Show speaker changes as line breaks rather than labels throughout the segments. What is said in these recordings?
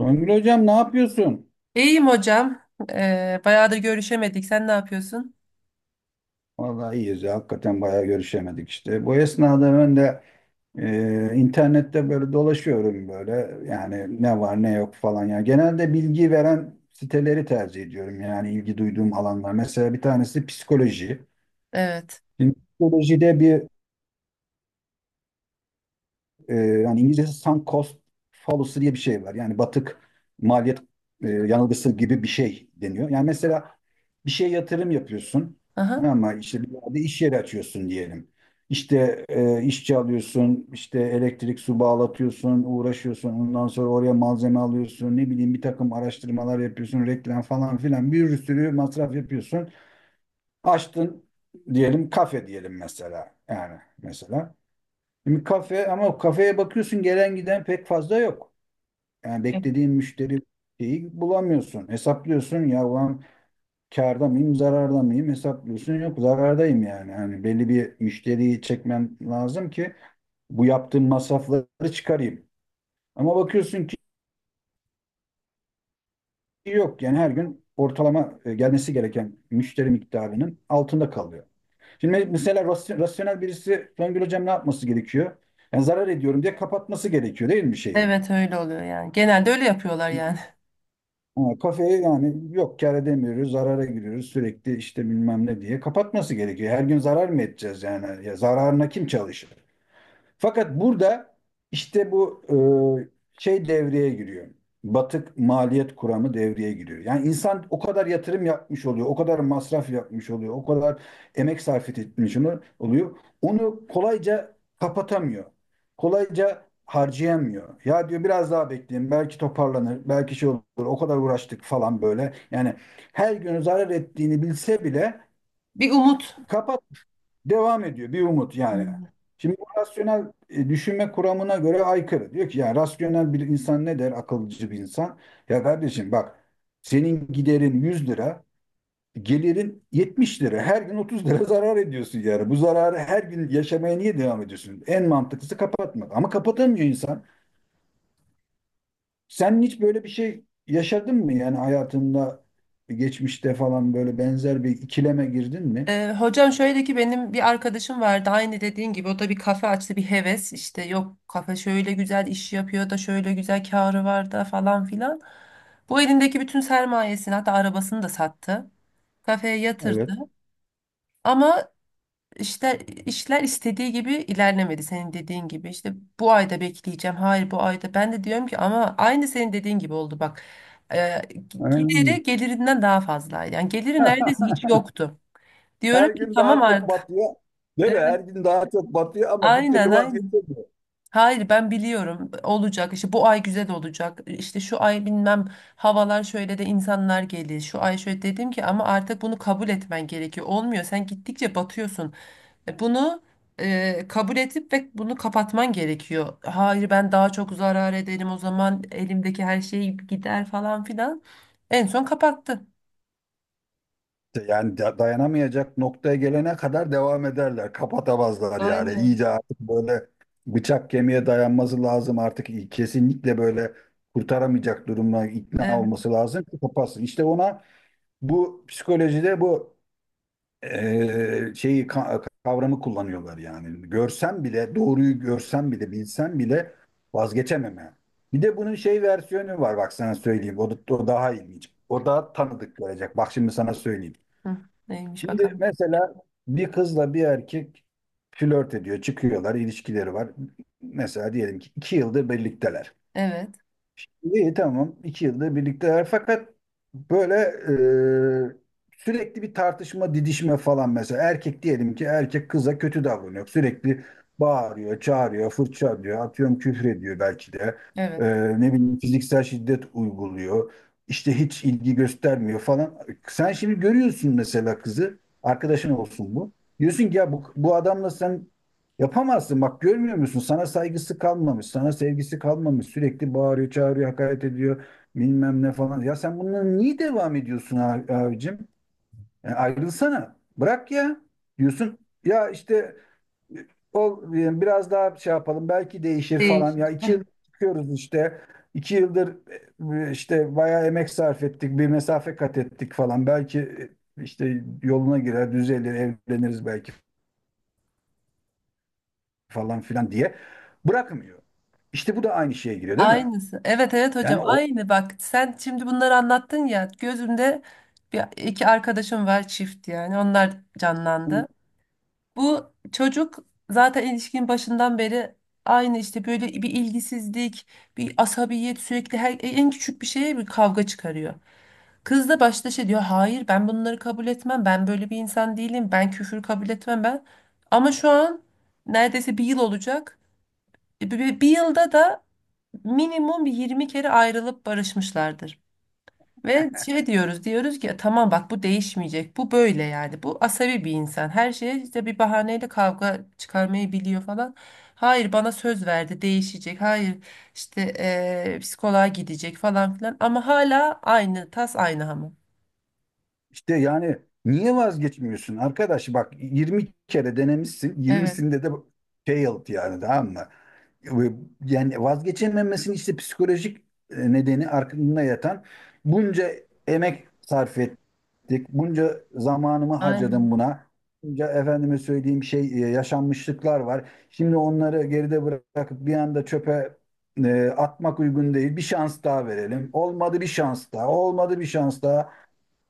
Songül hocam ne yapıyorsun?
İyiyim hocam. Bayağıdır görüşemedik. Sen ne yapıyorsun?
Vallahi iyiyiz ya. Hakikaten bayağı görüşemedik işte. Bu esnada ben de internette böyle dolaşıyorum böyle. Yani ne var ne yok falan ya. Genelde bilgi veren siteleri tercih ediyorum. Yani ilgi duyduğum alanlar. Mesela bir tanesi psikoloji.
Evet.
Şimdi psikolojide bir yani İngilizcesi sunk cost fallacy diye bir şey var. Yani batık maliyet yanılgısı gibi bir şey deniyor. Yani mesela bir şeye yatırım yapıyorsun
Aha.
ama işte bir yerde iş yeri açıyorsun diyelim. İşte işçi alıyorsun, işte elektrik su bağlatıyorsun, uğraşıyorsun. Ondan sonra oraya malzeme alıyorsun. Ne bileyim bir takım araştırmalar yapıyorsun, reklam falan filan bir sürü masraf yapıyorsun. Açtın diyelim kafe diyelim mesela. Yani mesela. Şimdi kafe ama o kafeye bakıyorsun gelen giden pek fazla yok. Yani beklediğin müşteri şeyi bulamıyorsun. Hesaplıyorsun ya ulan kârda mıyım zararda mıyım hesaplıyorsun yok zarardayım yani. Hani belli bir müşteriyi çekmem lazım ki bu yaptığım masrafları çıkarayım. Ama bakıyorsun ki yok yani her gün ortalama gelmesi gereken müşteri miktarının altında kalıyor. Şimdi mesela rasyonel birisi Songül hocam ne yapması gerekiyor? Yani zarar ediyorum diye kapatması gerekiyor değil mi şeyi?
Evet, öyle oluyor yani. Genelde öyle yapıyorlar yani.
Ama kafeye yani yok kâr edemiyoruz, zarara giriyoruz sürekli işte bilmem ne diye kapatması gerekiyor. Her gün zarar mı edeceğiz yani? Ya zararına kim çalışır? Fakat burada işte bu şey devreye giriyor. Batık maliyet kuramı devreye giriyor. Yani insan o kadar yatırım yapmış oluyor, o kadar masraf yapmış oluyor, o kadar emek sarf etmiş oluyor. Onu kolayca kapatamıyor. Kolayca harcayamıyor. Ya diyor biraz daha bekleyin, belki toparlanır, belki şey olur. O kadar uğraştık falan böyle. Yani her gün zarar ettiğini bilse bile
Bir umut.
kapat Devam ediyor bir umut yani.
Anladım.
Şimdi bu rasyonel düşünme kuramına göre aykırı. Diyor ki ya rasyonel bir insan ne der akılcı bir insan? Ya kardeşim bak senin giderin 100 lira, gelirin 70 lira. Her gün 30 lira zarar ediyorsun yani. Bu zararı her gün yaşamaya niye devam ediyorsun? En mantıklısı kapatmak. Ama kapatamıyor insan. Sen hiç böyle bir şey yaşadın mı yani hayatında geçmişte falan böyle benzer bir ikileme girdin mi?
Hocam şöyle ki, benim bir arkadaşım vardı, aynı dediğin gibi o da bir kafe açtı bir heves. İşte yok kafe şöyle güzel iş yapıyor da şöyle güzel karı var da falan filan. Bu elindeki bütün sermayesini, hatta arabasını da sattı. Kafeye yatırdı.
Evet.
Ama İşler, işler istediği gibi ilerlemedi, senin dediğin gibi. İşte bu ayda bekleyeceğim. Hayır bu ayda. Ben de diyorum ki, ama aynı senin dediğin gibi oldu bak. Ee,
Aynen.
gideri gelirinden daha fazlaydı. Yani geliri neredeyse hiç yoktu. Diyorum
Her
ki
gün
tamam
daha çok
artık.
batıyor. Değil mi?
Evet,
Her gün daha çok batıyor ama bir
aynen
türlü
aynen.
vazgeçemiyor.
Hayır ben biliyorum olacak, işte bu ay güzel olacak, işte şu ay bilmem havalar şöyle de insanlar gelir şu ay şöyle. Dedim ki ama artık bunu kabul etmen gerekiyor, olmuyor, sen gittikçe batıyorsun, bunu kabul edip ve bunu kapatman gerekiyor. Hayır ben daha çok zarar ederim o zaman, elimdeki her şey gider falan filan. En son kapattı.
Yani dayanamayacak noktaya gelene kadar devam ederler. Kapatamazlar yani.
Aynen.
İyice artık böyle bıçak kemiğe dayanması lazım artık. Kesinlikle böyle kurtaramayacak durumuna ikna
Evet.
olması lazım ki kapatsın. İşte ona bu psikolojide bu kavramı kullanıyorlar yani. Görsem bile, doğruyu görsem bile, bilsem bile vazgeçememe. Bir de bunun şey versiyonu var bak sana söyleyeyim. O daha ilginç. O daha tanıdık gelecek. Bak şimdi sana söyleyeyim.
Hı, neymiş
Şimdi
bakalım.
mesela bir kızla bir erkek flört ediyor, çıkıyorlar, ilişkileri var. Mesela diyelim ki 2 yıldır birlikteler.
Evet.
İyi tamam. 2 yılda birlikteler. Fakat böyle sürekli bir tartışma, didişme falan mesela. Erkek diyelim ki erkek kıza kötü davranıyor. Sürekli bağırıyor, çağırıyor, fırça diyor, atıyorum küfür ediyor belki de. E,
Evet.
ne bileyim fiziksel şiddet uyguluyor. İşte hiç ilgi göstermiyor falan. Sen şimdi görüyorsun mesela kızı, arkadaşın olsun bu. Diyorsun ki ya bu adamla sen yapamazsın, bak görmüyor musun? Sana saygısı kalmamış, sana sevgisi kalmamış. Sürekli bağırıyor, çağırıyor, hakaret ediyor bilmem ne falan. Ya sen bununla niye devam ediyorsun abicim? Yani ayrılsana, bırak ya diyorsun. Ya işte e, biraz daha şey yapalım belki değişir falan. Ya
Değişir.
2 yıl çıkıyoruz işte. 2 yıldır işte bayağı emek sarf ettik, bir mesafe kat ettik falan. Belki işte yoluna girer, düzelir, evleniriz belki falan filan diye bırakmıyor. İşte bu da aynı şeye giriyor değil mi?
Aynısı. Evet evet hocam,
Yani o
aynı. Bak sen şimdi bunları anlattın ya, gözümde bir iki arkadaşım var çift yani, onlar canlandı. Bu çocuk zaten ilişkinin başından beri aynı, işte böyle bir ilgisizlik, bir asabiyet, sürekli her en küçük bir şeye bir kavga çıkarıyor. Kız da başta şey diyor, hayır ben bunları kabul etmem, ben böyle bir insan değilim, ben küfür kabul etmem ben. Ama şu an neredeyse bir yıl olacak. Bir yılda da minimum bir 20 kere ayrılıp barışmışlardır. Ve şey diyoruz ki tamam bak, bu değişmeyecek, bu böyle yani, bu asabi bir insan, her şeye işte bir bahaneyle kavga çıkarmayı biliyor falan. Hayır bana söz verdi değişecek, hayır işte psikoloğa gidecek falan filan, ama hala aynı tas aynı hamam.
işte yani niye vazgeçmiyorsun arkadaş, bak 20 kere denemişsin,
Evet.
20'sinde de failed, yani tamam mı? Ve yani vazgeçememesinin işte psikolojik nedeni arkasında yatan bunca emek sarf ettik, bunca zamanımı
Aynı,
harcadım buna. Bunca efendime söyleyeyim şey yaşanmışlıklar var. Şimdi onları geride bırakıp bir anda çöpe atmak uygun değil. Bir şans daha verelim. Olmadı bir şans daha, olmadı bir şans daha.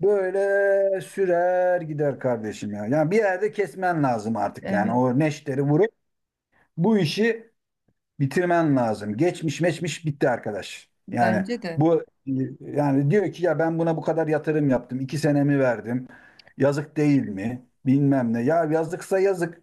Böyle sürer gider kardeşim ya. Yani bir yerde kesmen lazım artık, yani
evet,
o neşteri vurup bu işi bitirmen lazım. Geçmiş meçmiş bitti arkadaş. Yani
bence de
bu yani diyor ki ya ben buna bu kadar yatırım yaptım. 2 senemi verdim. Yazık değil mi? Bilmem ne. Ya yazıksa yazık.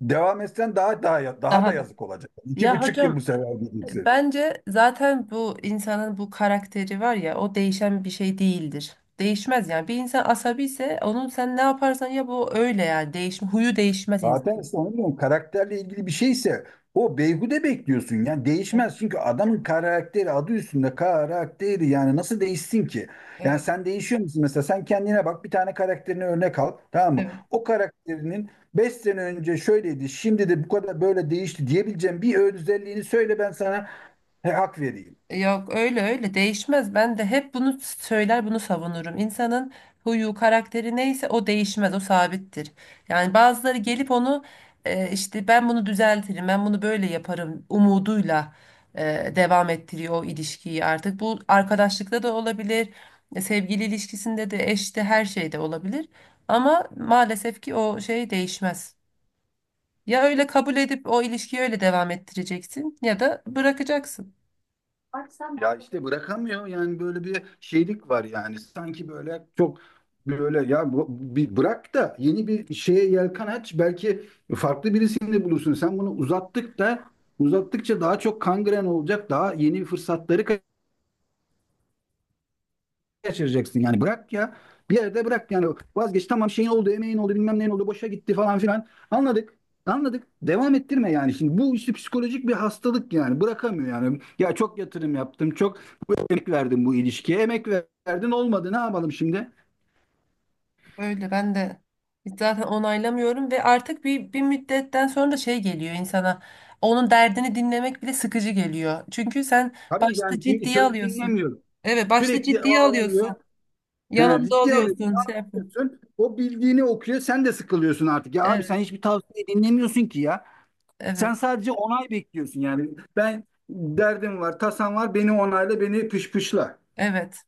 Devam etsen daha daha daha da
daha da.
yazık olacak. İki
Ya
buçuk yıl bu
hocam,
sefer gideceksin.
bence zaten bu insanın bu karakteri var ya, o değişen bir şey değildir. Değişmez yani. Bir insan asabi ise onun sen ne yaparsan, ya bu öyle yani. Değişme, huyu değişmez
Zaten
insan.
işte onu diyorum, karakterle ilgili bir şeyse o beyhude bekliyorsun. Yani değişmez çünkü adamın karakteri, adı üstünde karakteri, yani nasıl değişsin ki? Yani
Evet,
sen değişiyor musun mesela, sen kendine bak, bir tane karakterini örnek al tamam mı?
evet.
O karakterinin 5 sene önce şöyleydi şimdi de bu kadar böyle değişti diyebileceğim bir özelliğini söyle, ben sana he, hak vereyim.
Yok öyle öyle değişmez. Ben de hep bunu söyler, bunu savunurum. İnsanın huyu karakteri neyse o değişmez, o sabittir. Yani bazıları gelip onu işte ben bunu düzeltirim, ben bunu böyle yaparım umuduyla devam ettiriyor o ilişkiyi artık. Bu arkadaşlıkta da olabilir, sevgili ilişkisinde de, eşte, her şeyde olabilir. Ama maalesef ki o şey değişmez. Ya öyle kabul edip o ilişkiyi öyle devam ettireceksin ya da bırakacaksın.
Ya işte bırakamıyor yani, böyle bir şeylik var yani, sanki böyle çok böyle ya bir bırak da yeni bir şeye yelken aç, belki farklı birisini bulursun. Sen bunu uzattık da uzattıkça daha çok kangren olacak, daha yeni fırsatları kaçıracaksın, yani bırak ya. Bir yerde bırak yani, vazgeç, tamam, şeyin oldu, emeğin oldu, bilmem neyin oldu, boşa gitti falan filan. Anladık. Anladık. Devam ettirme yani. Şimdi bu işte psikolojik bir hastalık yani. Bırakamıyor yani. Ya çok yatırım yaptım. Çok emek verdim bu ilişkiye. Emek verdin, olmadı. Ne yapalım şimdi?
Öyle, ben de zaten onaylamıyorum ve artık bir, bir müddetten sonra da şey geliyor insana. Onun derdini dinlemek bile sıkıcı geliyor. Çünkü sen
Tabii yani
başta
çünkü
ciddiye
söz
alıyorsun.
dinlemiyor.
Evet, başta
Sürekli
ciddiye alıyorsun.
ağlanıyor. Ha,
Yanında
ciddi alıyorsun.
oluyorsun, şey yapıyorsun.
Anlatıyorsun. O bildiğini okuyor. Sen de sıkılıyorsun artık. Ya abi
Evet,
sen hiçbir tavsiye dinlemiyorsun ki ya. Sen
evet,
sadece onay bekliyorsun yani. Ben derdim var, tasam var, beni onayla, beni pışpışla.
evet.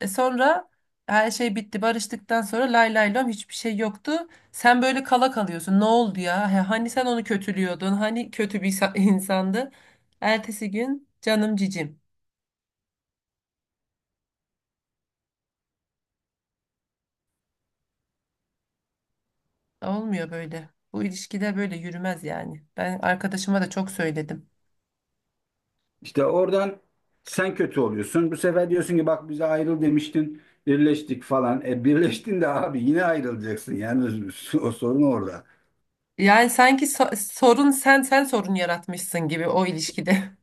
E sonra her şey bitti. Barıştıktan sonra lay lay lom hiçbir şey yoktu. Sen böyle kala kalıyorsun. Ne oldu ya? He, hani sen onu kötülüyordun? Hani kötü bir insandı? Ertesi gün canım cicim. Olmuyor böyle. Bu ilişkide böyle yürümez yani. Ben arkadaşıma da çok söyledim.
İşte oradan sen kötü oluyorsun. Bu sefer diyorsun ki bak bize ayrıl demiştin, birleştik falan. E birleştin de abi yine ayrılacaksın. Yani o sorun orada.
Yani sanki sorun sen sorun yaratmışsın gibi o ilişkide.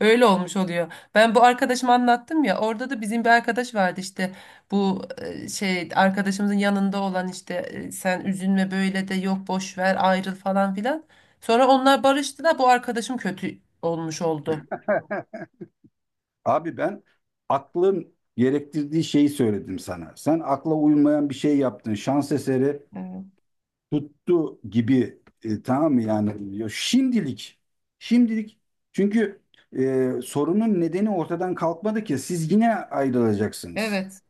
Öyle olmuş oluyor. Ben bu arkadaşıma anlattım ya. Orada da bizim bir arkadaş vardı işte. Bu şey arkadaşımızın yanında olan işte, sen üzülme böyle, de yok boş ver ayrıl falan filan. Sonra onlar barıştı da bu arkadaşım kötü olmuş oldu.
Abi ben aklın gerektirdiği şeyi söyledim sana. Sen akla uymayan bir şey yaptın. Şans eseri
Evet.
tuttu gibi, tamam mı yani diyor. Şimdilik, şimdilik, çünkü sorunun nedeni ortadan kalkmadı ki siz yine ayrılacaksınız.
Evet.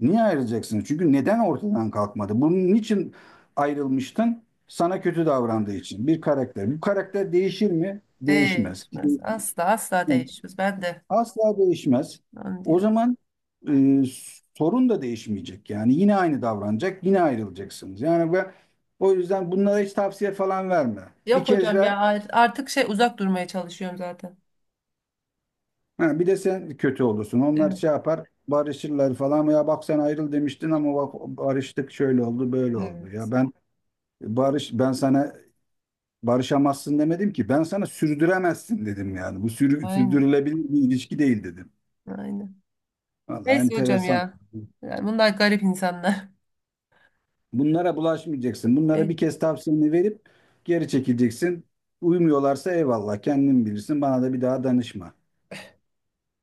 Niye ayrılacaksınız? Çünkü neden ortadan kalkmadı? Bunun için ayrılmıştın? Sana kötü davrandığı için, bir karakter. Bu karakter değişir mi? Değişmez.
Değişmez. Asla asla değişmez. Ben de
Asla değişmez.
onu
O
diyorum.
zaman e, sorun da değişmeyecek. Yani yine aynı davranacak, yine ayrılacaksınız. Yani ve o yüzden bunlara hiç tavsiye falan verme. Bir
Yok
kez
hocam
ver,
ya, artık şey uzak durmaya çalışıyorum zaten.
ha, bir de sen kötü olursun. Onlar
Evet,
şey yapar, barışırlar falan. Ya bak sen ayrıl demiştin ama bak barıştık, şöyle oldu, böyle oldu.
evet.
Ya ben sana barışamazsın demedim ki. Ben sana sürdüremezsin dedim yani. Bu
Aynen.
sürdürülebilir bir ilişki değil dedim.
Aynen.
Vallahi
Neyse hocam
enteresan.
ya. Yani bunlar garip insanlar.
Bunlara bulaşmayacaksın. Bunlara bir
Evet.
kez tavsiyeni verip geri çekileceksin. Uymuyorlarsa eyvallah, kendin bilirsin. Bana da bir daha danışma.